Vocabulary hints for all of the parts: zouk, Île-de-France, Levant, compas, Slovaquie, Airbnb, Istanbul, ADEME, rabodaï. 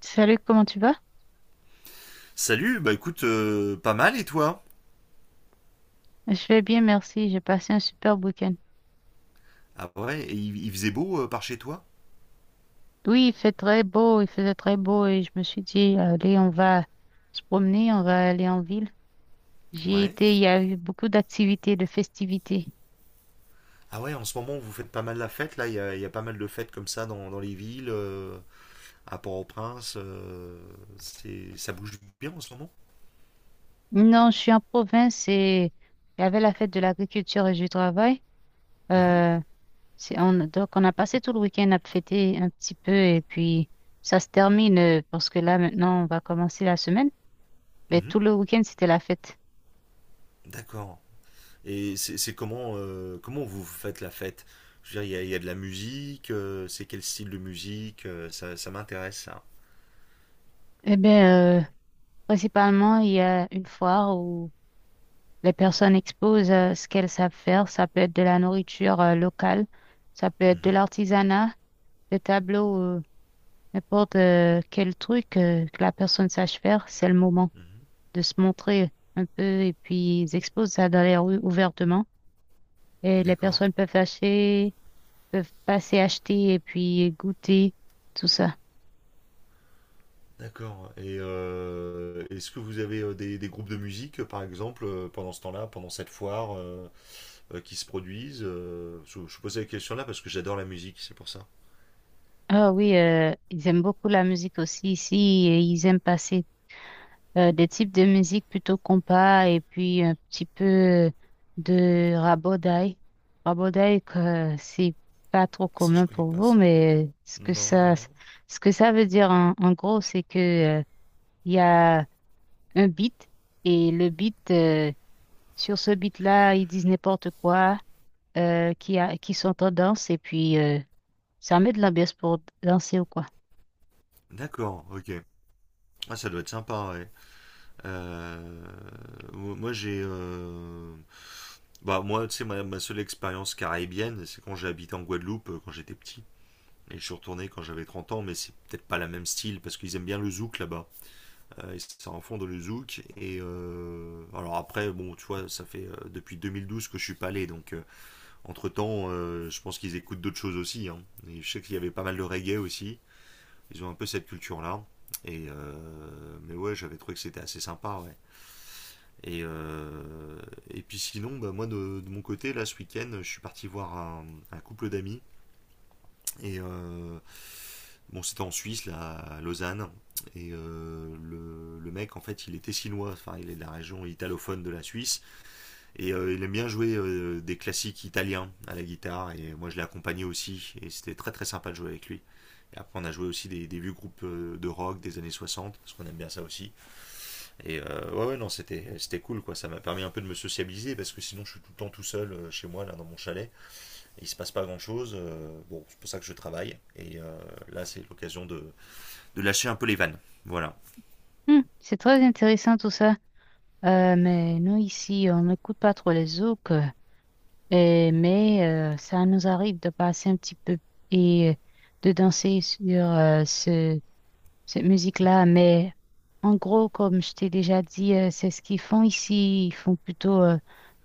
Salut, comment tu vas? Salut, écoute, pas mal et toi? Je vais bien, merci. J'ai passé un super week-end. Ah ouais, et il faisait beau, par chez toi? Oui, il fait très beau, il faisait très beau et je me suis dit, allez, on va se promener, on va aller en ville. J'y ai Ouais. été, il y a eu beaucoup d'activités, de festivités. Ah ouais, en ce moment vous faites pas mal la fête, là, il y a pas mal de fêtes comme ça dans les villes, à Port-au-Prince, ça bouge bien en ce moment? Non, je suis en province et il y avait la fête de l'agriculture et du travail. Mhm, Euh, on a passé tout le week-end à fêter un petit peu et puis ça se termine parce que là, maintenant, on va commencer la semaine. Mais mhm, tout le week-end, c'était la fête. d'accord. Et c'est comment, comment vous faites la fête? Je veux dire, il y a de la musique, c'est quel style de musique? Ça m'intéresse ça. Eh bien, principalement, il y a une foire où les personnes exposent ce qu'elles savent faire. Ça peut être de la nourriture locale, ça peut être de Mhm, l'artisanat, des tableaux, n'importe quel truc que la personne sache faire. C'est le moment mhm, de se montrer un peu et puis ils exposent ça dans les rues ouvertement. Et les d'accord. personnes peuvent acheter, peuvent passer acheter et puis goûter tout ça. D'accord. Et est-ce que vous avez des groupes de musique, par exemple, pendant ce temps-là, pendant cette foire, qui se produisent je vous posais la question là parce que j'adore la musique, c'est pour ça. Ah oui, ils aiment beaucoup la musique aussi ici et ils aiment passer des types de musique plutôt compas et puis un petit peu de rabodaï. Rabodaï, que c'est pas trop Ah, ça, je commun connais pour pas vous, ça. mais Non, non, non. ce que ça veut dire en gros, c'est que Il y a un beat et sur ce beat-là, ils disent n'importe quoi qui sont en danse et puis ça met de l'ambiance pour danser ou quoi. D'accord, ok. Ah, ça doit être sympa, ouais. Euh, mo- moi, j'ai. euh, Moi, tu sais, ma seule expérience caribéenne, c'est quand j'ai habité en Guadeloupe, quand j'étais petit. Et je suis retourné quand j'avais 30 ans, mais c'est peut-être pas la même style, parce qu'ils aiment bien le zouk là-bas. Et ça en fond de le zouk. Et alors après, bon, tu vois, ça fait depuis 2012 que je suis pas allé. Donc entre temps, je pense qu'ils écoutent d'autres choses aussi, hein. Et je sais qu'il y avait pas mal de reggae aussi. Ils ont un peu cette culture-là. Et mais ouais, j'avais trouvé que c'était assez sympa. Ouais. Et, euh, et puis sinon, bah, de mon côté, là ce week-end, je suis parti voir un couple d'amis et bon, c'était en Suisse, là, à Lausanne. Et le mec, en fait, il était chinois. Enfin, il est de la région italophone de la Suisse. Et il aime bien jouer des classiques italiens à la guitare. Et moi, je l'ai accompagné aussi. Et c'était très, très sympa de jouer avec lui. Et après, on a joué aussi des vieux groupes de rock des années 60, parce qu'on aime bien ça aussi. Et ouais, ouais, non, c'était cool, quoi. Ça m'a permis un peu de me sociabiliser, parce que sinon, je suis tout le temps tout seul chez moi, là, dans mon chalet. Il se passe pas grand chose. Bon, c'est pour ça que je travaille. Et là, c'est l'occasion lâcher un peu les vannes. Voilà. Hmm, c'est très intéressant tout ça. Mais nous ici, on n'écoute pas trop les zouks, mais ça nous arrive de passer un petit peu et de danser sur ce cette musique-là, mais en gros, comme je t'ai déjà dit, c'est ce qu'ils font ici. Ils font plutôt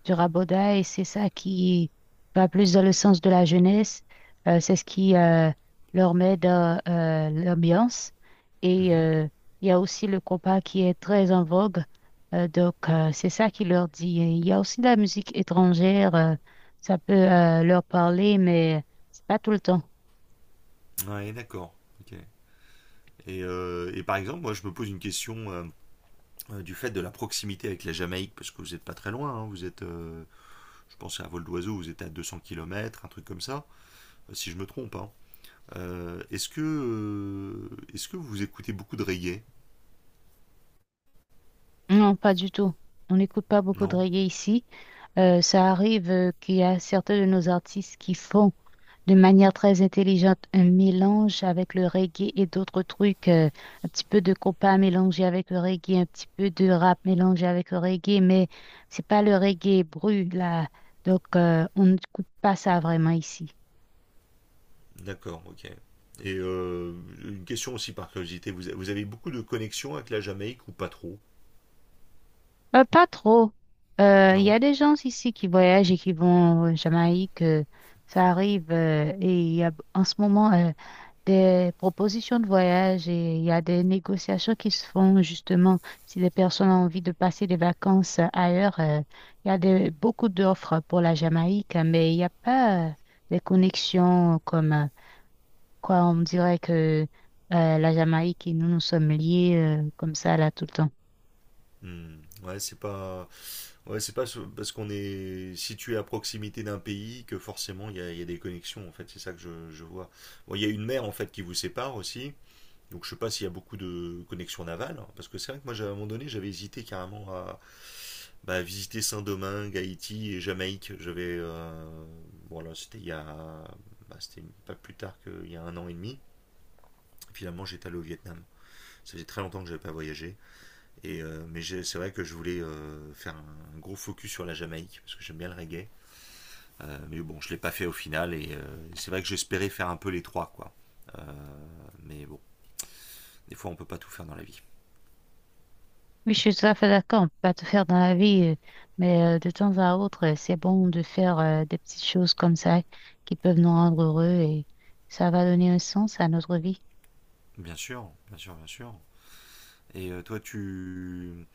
du raboda et c'est ça qui va plus dans le sens de la jeunesse. C'est ce qui leur met dans l'ambiance. Mm Et -hmm. euh, il y a aussi le compas qui est très en vogue. C'est ça qui leur dit. Et il y a aussi de la musique étrangère. Ça peut leur parler, mais c'est pas tout le temps. Ouais, d'accord. Ok. Par exemple, moi, je me pose une question du fait de la proximité avec la Jamaïque, parce que vous n'êtes pas très loin. Hein, vous êtes, je pensais à vol d'oiseau, vous êtes à 200 kilomètres un truc comme ça, si je me trompe, hein. Est-ce que, est-ce que vous écoutez beaucoup de reggae? Non, pas du tout. On n'écoute pas beaucoup de Non. reggae ici. Ça arrive qu'il y a certains de nos artistes qui font de manière très intelligente un mélange avec le reggae et d'autres trucs, un petit peu de compas mélangé avec le reggae, un petit peu de rap mélangé avec le reggae, mais c'est pas le reggae brut là. Donc on n'écoute pas ça vraiment ici. D'accord, ok. Et une question aussi par curiosité, vous avez beaucoup de connexions avec la Jamaïque ou pas trop? Pas trop. Il y Non? a des gens ici qui voyagent et qui vont en Jamaïque. Ça arrive et il y a en ce moment des propositions de voyage et il y a des négociations qui se font justement si les personnes ont envie de passer des vacances ailleurs. Il y a des, beaucoup d'offres pour la Jamaïque, mais il n'y a pas des connexions comme on dirait que la Jamaïque et nous, nous sommes liés comme ça là tout le temps. Hmm. Ouais, c'est pas, ouais, c'est pas ce- parce qu'on est situé à proximité d'un pays que forcément il y a des connexions, en fait, c'est ça que je vois. Bon, il y a une mer en fait qui vous sépare aussi. Donc je sais pas s'il y a beaucoup de connexions navales, hein, parce que c'est vrai que moi à un moment donné j'avais hésité carrément à visiter Saint-Domingue, Haïti et Jamaïque. J'avais voilà, c'était pas plus tard qu'il y a 1 an et demi. Finalement j'étais allé au Vietnam. Ça faisait très longtemps que j'avais pas voyagé, et mais c'est vrai que je voulais faire un gros focus sur la Jamaïque parce que j'aime bien le reggae. Mais bon je l'ai pas fait au final, et c'est vrai que j'espérais faire un peu les trois quoi. Euh, mais bon, des fois on peut pas tout faire dans la vie. Oui, je suis tout à fait d'accord, on peut pas tout faire dans la vie, mais de temps à autre, c'est bon de faire des petites choses comme ça qui peuvent nous rendre heureux et ça va donner un sens à notre vie. Bien sûr, bien sûr, bien sûr. Et euh, toi, tu...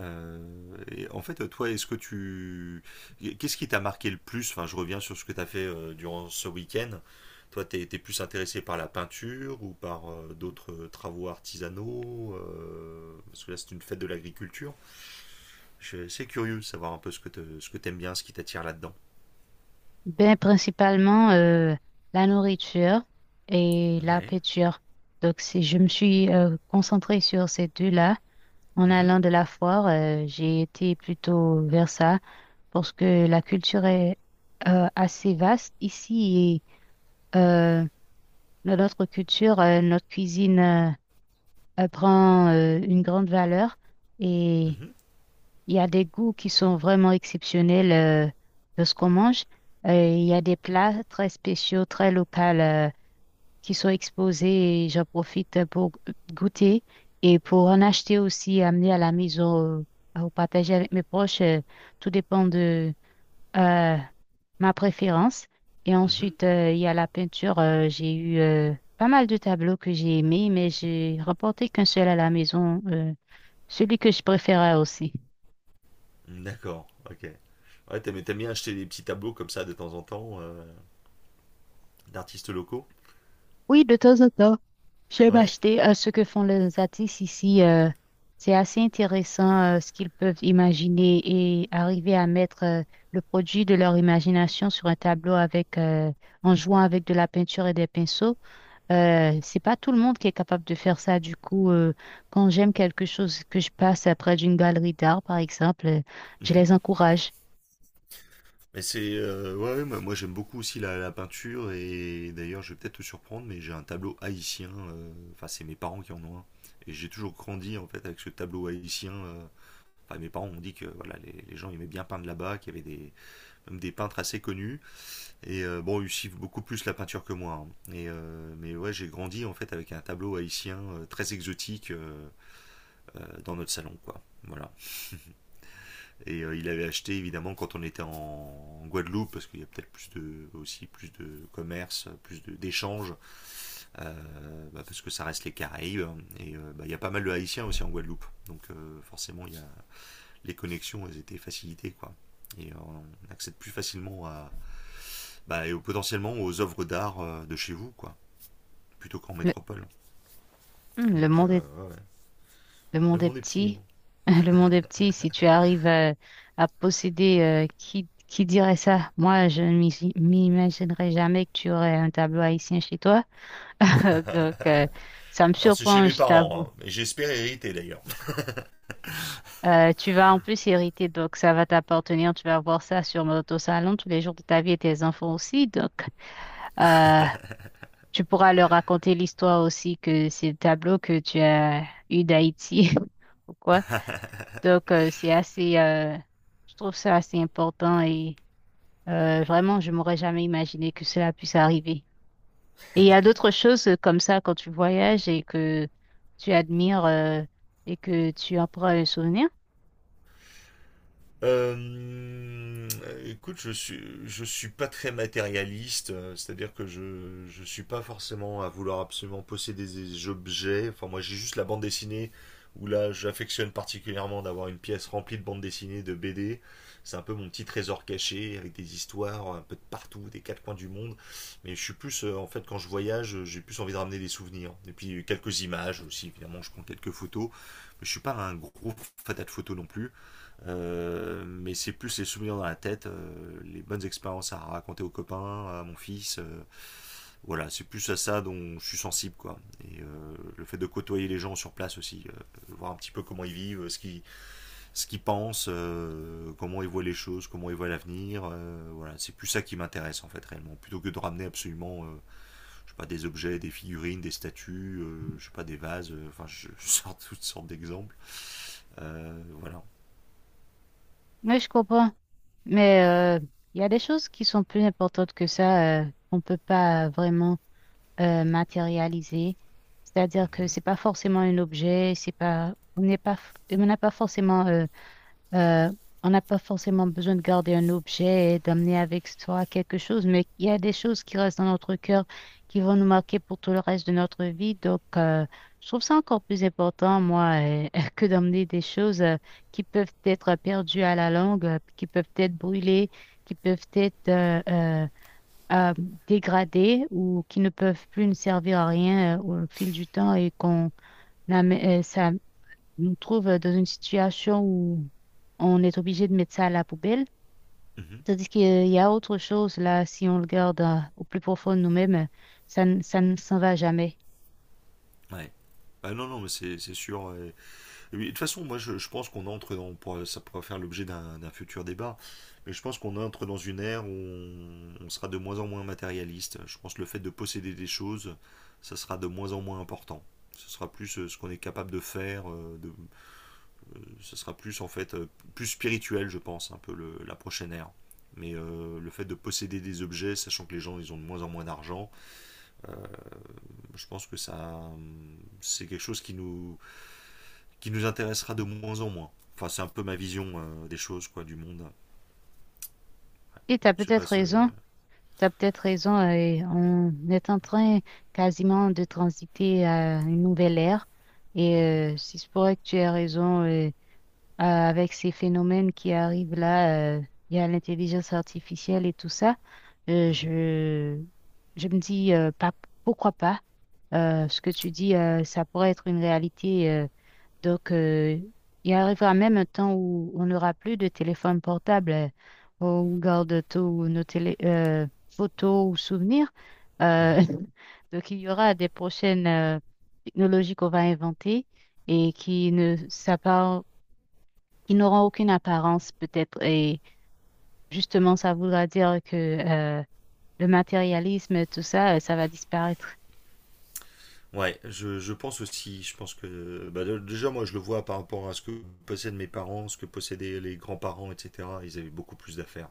et toi, est-ce que tu... Qu'est-ce qui t'a marqué le plus? Enfin, je reviens sur ce que t'as fait durant ce week-end. Toi, t'es plus intéressé par la peinture ou par d'autres travaux artisanaux? Parce que là, c'est une fête de l'agriculture. C'est curieux de savoir un peu ce que t'aimes bien, ce qui t'attire là-dedans. Ben, principalement la nourriture et la Ouais. peinture. Donc, si je me suis concentrée sur ces deux-là en Mhm, allant de la foire, j'ai été plutôt vers ça parce que la culture est assez vaste ici et dans notre culture, notre cuisine prend une grande valeur et mhm, il y a des goûts qui sont vraiment exceptionnels de ce qu'on mange. Il y a des plats très spéciaux, très locaux qui sont exposés et j'en profite pour goûter et pour en acheter aussi, amener à la maison ou partager avec mes proches. Tout dépend de euh, ma préférence. Et mhm. ensuite, il y a la peinture. J'ai eu pas mal de tableaux que j'ai aimés, mais j'ai remporté qu'un seul à la maison, celui que je préférais aussi. D'accord, ok. Ouais, t'aimes bien acheter des petits tableaux comme ça de temps en temps, d'artistes locaux? Oui, de temps en temps, j'aime Ouais. acheter ce que font les artistes ici. C'est assez intéressant ce qu'ils peuvent imaginer et arriver à mettre le produit de leur imagination sur un tableau avec, en jouant avec de la peinture et des pinceaux. C'est pas tout le monde qui est capable de faire ça. Du coup, quand j'aime quelque chose que je passe près d'une galerie d'art, par exemple, je Mhm. les encourage. Mais c'est. Ouais, ouais, moi, Moi, j'aime beaucoup aussi la peinture, et d'ailleurs je vais peut-être te surprendre, mais j'ai un tableau haïtien. Enfin, c'est mes parents qui en ont un. Et j'ai toujours grandi en fait avec ce tableau haïtien. Enfin, mes parents ont dit que voilà, les gens aimaient bien peindre là-bas, qu'il y avait des même des peintres assez connus. Et bon, ils suivent beaucoup plus la peinture que moi, hein. Mais ouais, j'ai grandi en fait avec un tableau haïtien très exotique dans notre salon, quoi. Voilà. Et il avait acheté évidemment quand on était en Guadeloupe, parce qu'il y a peut-être aussi plus de commerce, plus d'échanges, parce que ça reste les Caraïbes. Et bah, il y a pas mal de Haïtiens aussi en Guadeloupe. Donc forcément, les connexions elles étaient facilitées, quoi. Et on accède plus facilement à, bah, et potentiellement aux œuvres d'art de chez vous, quoi, plutôt qu'en Le, métropole. Hum, le Donc, monde ouais, ouais. Le Ouais, le monde est monde est petit, hein. petit. Le monde est petit. Si tu arrives à posséder, qui dirait ça? Moi, je ne m'imaginerais jamais que tu aurais un tableau haïtien chez toi. Donc, ça me Alors c'est chez surprend, mes je parents, t'avoue. hein, et j'espère hériter d'ailleurs. Tu vas en plus hériter, donc ça va t'appartenir. Tu vas voir ça sur notre salon tous les jours de ta vie et tes enfants aussi. Donc, euh, tu pourras leur raconter l'histoire aussi que c'est le tableau que tu as eu d'Haïti. Pourquoi? Donc, je trouve ça assez important et vraiment, je m'aurais jamais imaginé que cela puisse arriver. Et il y a d'autres choses comme ça quand tu voyages et que tu admires et que tu en prends un souvenir. Euh, Écoute, je suis pas très matérialiste, c'est-à-dire que je suis pas forcément à vouloir absolument posséder des objets. Enfin, moi, j'ai juste la bande dessinée où là, j'affectionne particulièrement d'avoir une pièce remplie de bandes dessinées, de BD. C'est un peu mon petit trésor caché avec des histoires un peu de partout, des quatre coins du monde. Mais je suis plus, en fait, quand je voyage, j'ai plus envie de ramener des souvenirs. Et puis quelques images aussi, évidemment, je prends quelques photos. Mais je suis pas un gros fatat de photos non plus. Mais c'est plus les souvenirs dans la tête, les bonnes expériences à raconter aux copains, à mon fils. Voilà, c'est plus à ça dont je suis sensible, quoi. Et le fait de côtoyer les gens sur place aussi, voir un petit peu comment ils vivent, ce qu'ils pensent, comment ils voient les choses, comment ils voient l'avenir. Voilà, c'est plus ça qui m'intéresse en fait réellement, plutôt que de ramener absolument, je sais pas, des objets, des figurines, des statues, je sais pas, des vases. Enfin, je, je sors toutes sortes d'exemples. Voilà. Oui, je comprends. Mais euh, il y a des choses qui sont plus importantes que ça, qu'on ne peut pas vraiment matérialiser. C'est-à-dire que Mhm. c'est pas forcément un objet, c'est pas, on n'est pas, on n'a pas forcément Euh, on n'a pas forcément besoin de garder un objet et d'amener avec soi quelque chose, mais il y a des choses qui restent dans notre cœur, qui vont nous marquer pour tout le reste de notre vie. Donc, je trouve ça encore plus important, moi, que d'emmener des choses qui peuvent être perdues à la longue, qui peuvent être brûlées, qui peuvent être euh, dégradées ou qui ne peuvent plus nous servir à rien au fil du temps et ça nous trouve dans une situation où on est obligé de mettre ça à la poubelle. Mhm. Tandis qu'il y a autre chose là, si on le garde au plus profond de nous-mêmes, ça ne s'en va jamais. Ouais. Ah non, non, mais c'est sûr. Et et oui, de toute façon, moi, je pense qu'on entre dans, ça pourra faire l'objet d'un futur débat, mais je pense qu'on entre dans une ère où on sera de moins en moins matérialiste. Je pense que le fait de posséder des choses, ça sera de moins en moins important. Ce sera plus ce qu'on est capable de faire, ce sera plus, en fait, plus spirituel, je pense, un peu la prochaine ère. Mais le fait de posséder des objets, sachant que les gens, ils ont de moins en moins d'argent, je pense que ça, c'est quelque chose qui nous intéressera de moins en moins. Enfin, c'est un peu ma vision des choses, quoi, du monde. Et tu as Je sais peut-être pas ce. raison, Tu as peut-être raison, et on est en train quasiment de transiter à une nouvelle ère. Et Mhm, si c'est vrai que tu as raison, avec ces phénomènes qui arrivent là, il y a l'intelligence artificielle et tout ça, euh, mhm, je, je me dis, pas, pourquoi pas? Ce que tu dis, ça pourrait être une réalité. Donc, euh, il arrivera même un temps où on n'aura plus de téléphone portable. On garde tous photos ou souvenirs. Euh, mhm. donc, il y aura des prochaines technologies qu'on va inventer et qui ne s'appar- qui n'auront aucune apparence peut-être. Et justement, ça voudra dire que le matérialisme, tout ça, ça va disparaître. Ouais, je pense aussi, je pense que, bah, déjà, moi, je le vois par rapport à ce que possèdent mes parents, ce que possédaient les grands-parents, etc. Ils avaient beaucoup plus d'affaires.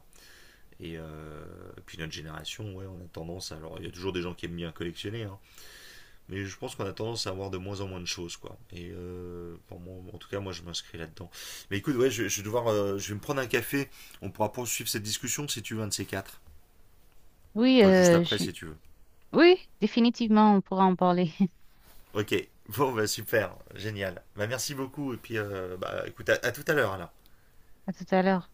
Et puis notre génération, ouais, on a tendance à. Alors, il y a toujours des gens qui aiment bien collectionner, hein. Mais je pense qu'on a tendance à avoir de moins en moins de choses, quoi. Et pour moi, en tout cas, moi, je m'inscris là-dedans. Mais écoute, ouais, je vais devoir, je vais me prendre un café. On pourra poursuivre cette discussion si tu veux, un de ces quatre. Oui, Enfin, juste euh, après, je si tu veux. Oui, définitivement, on pourra en parler. Ok. Bon, bah super, génial. Bah merci beaucoup. Et puis, bah, écoute, à tout à l'heure alors. À tout à l'heure.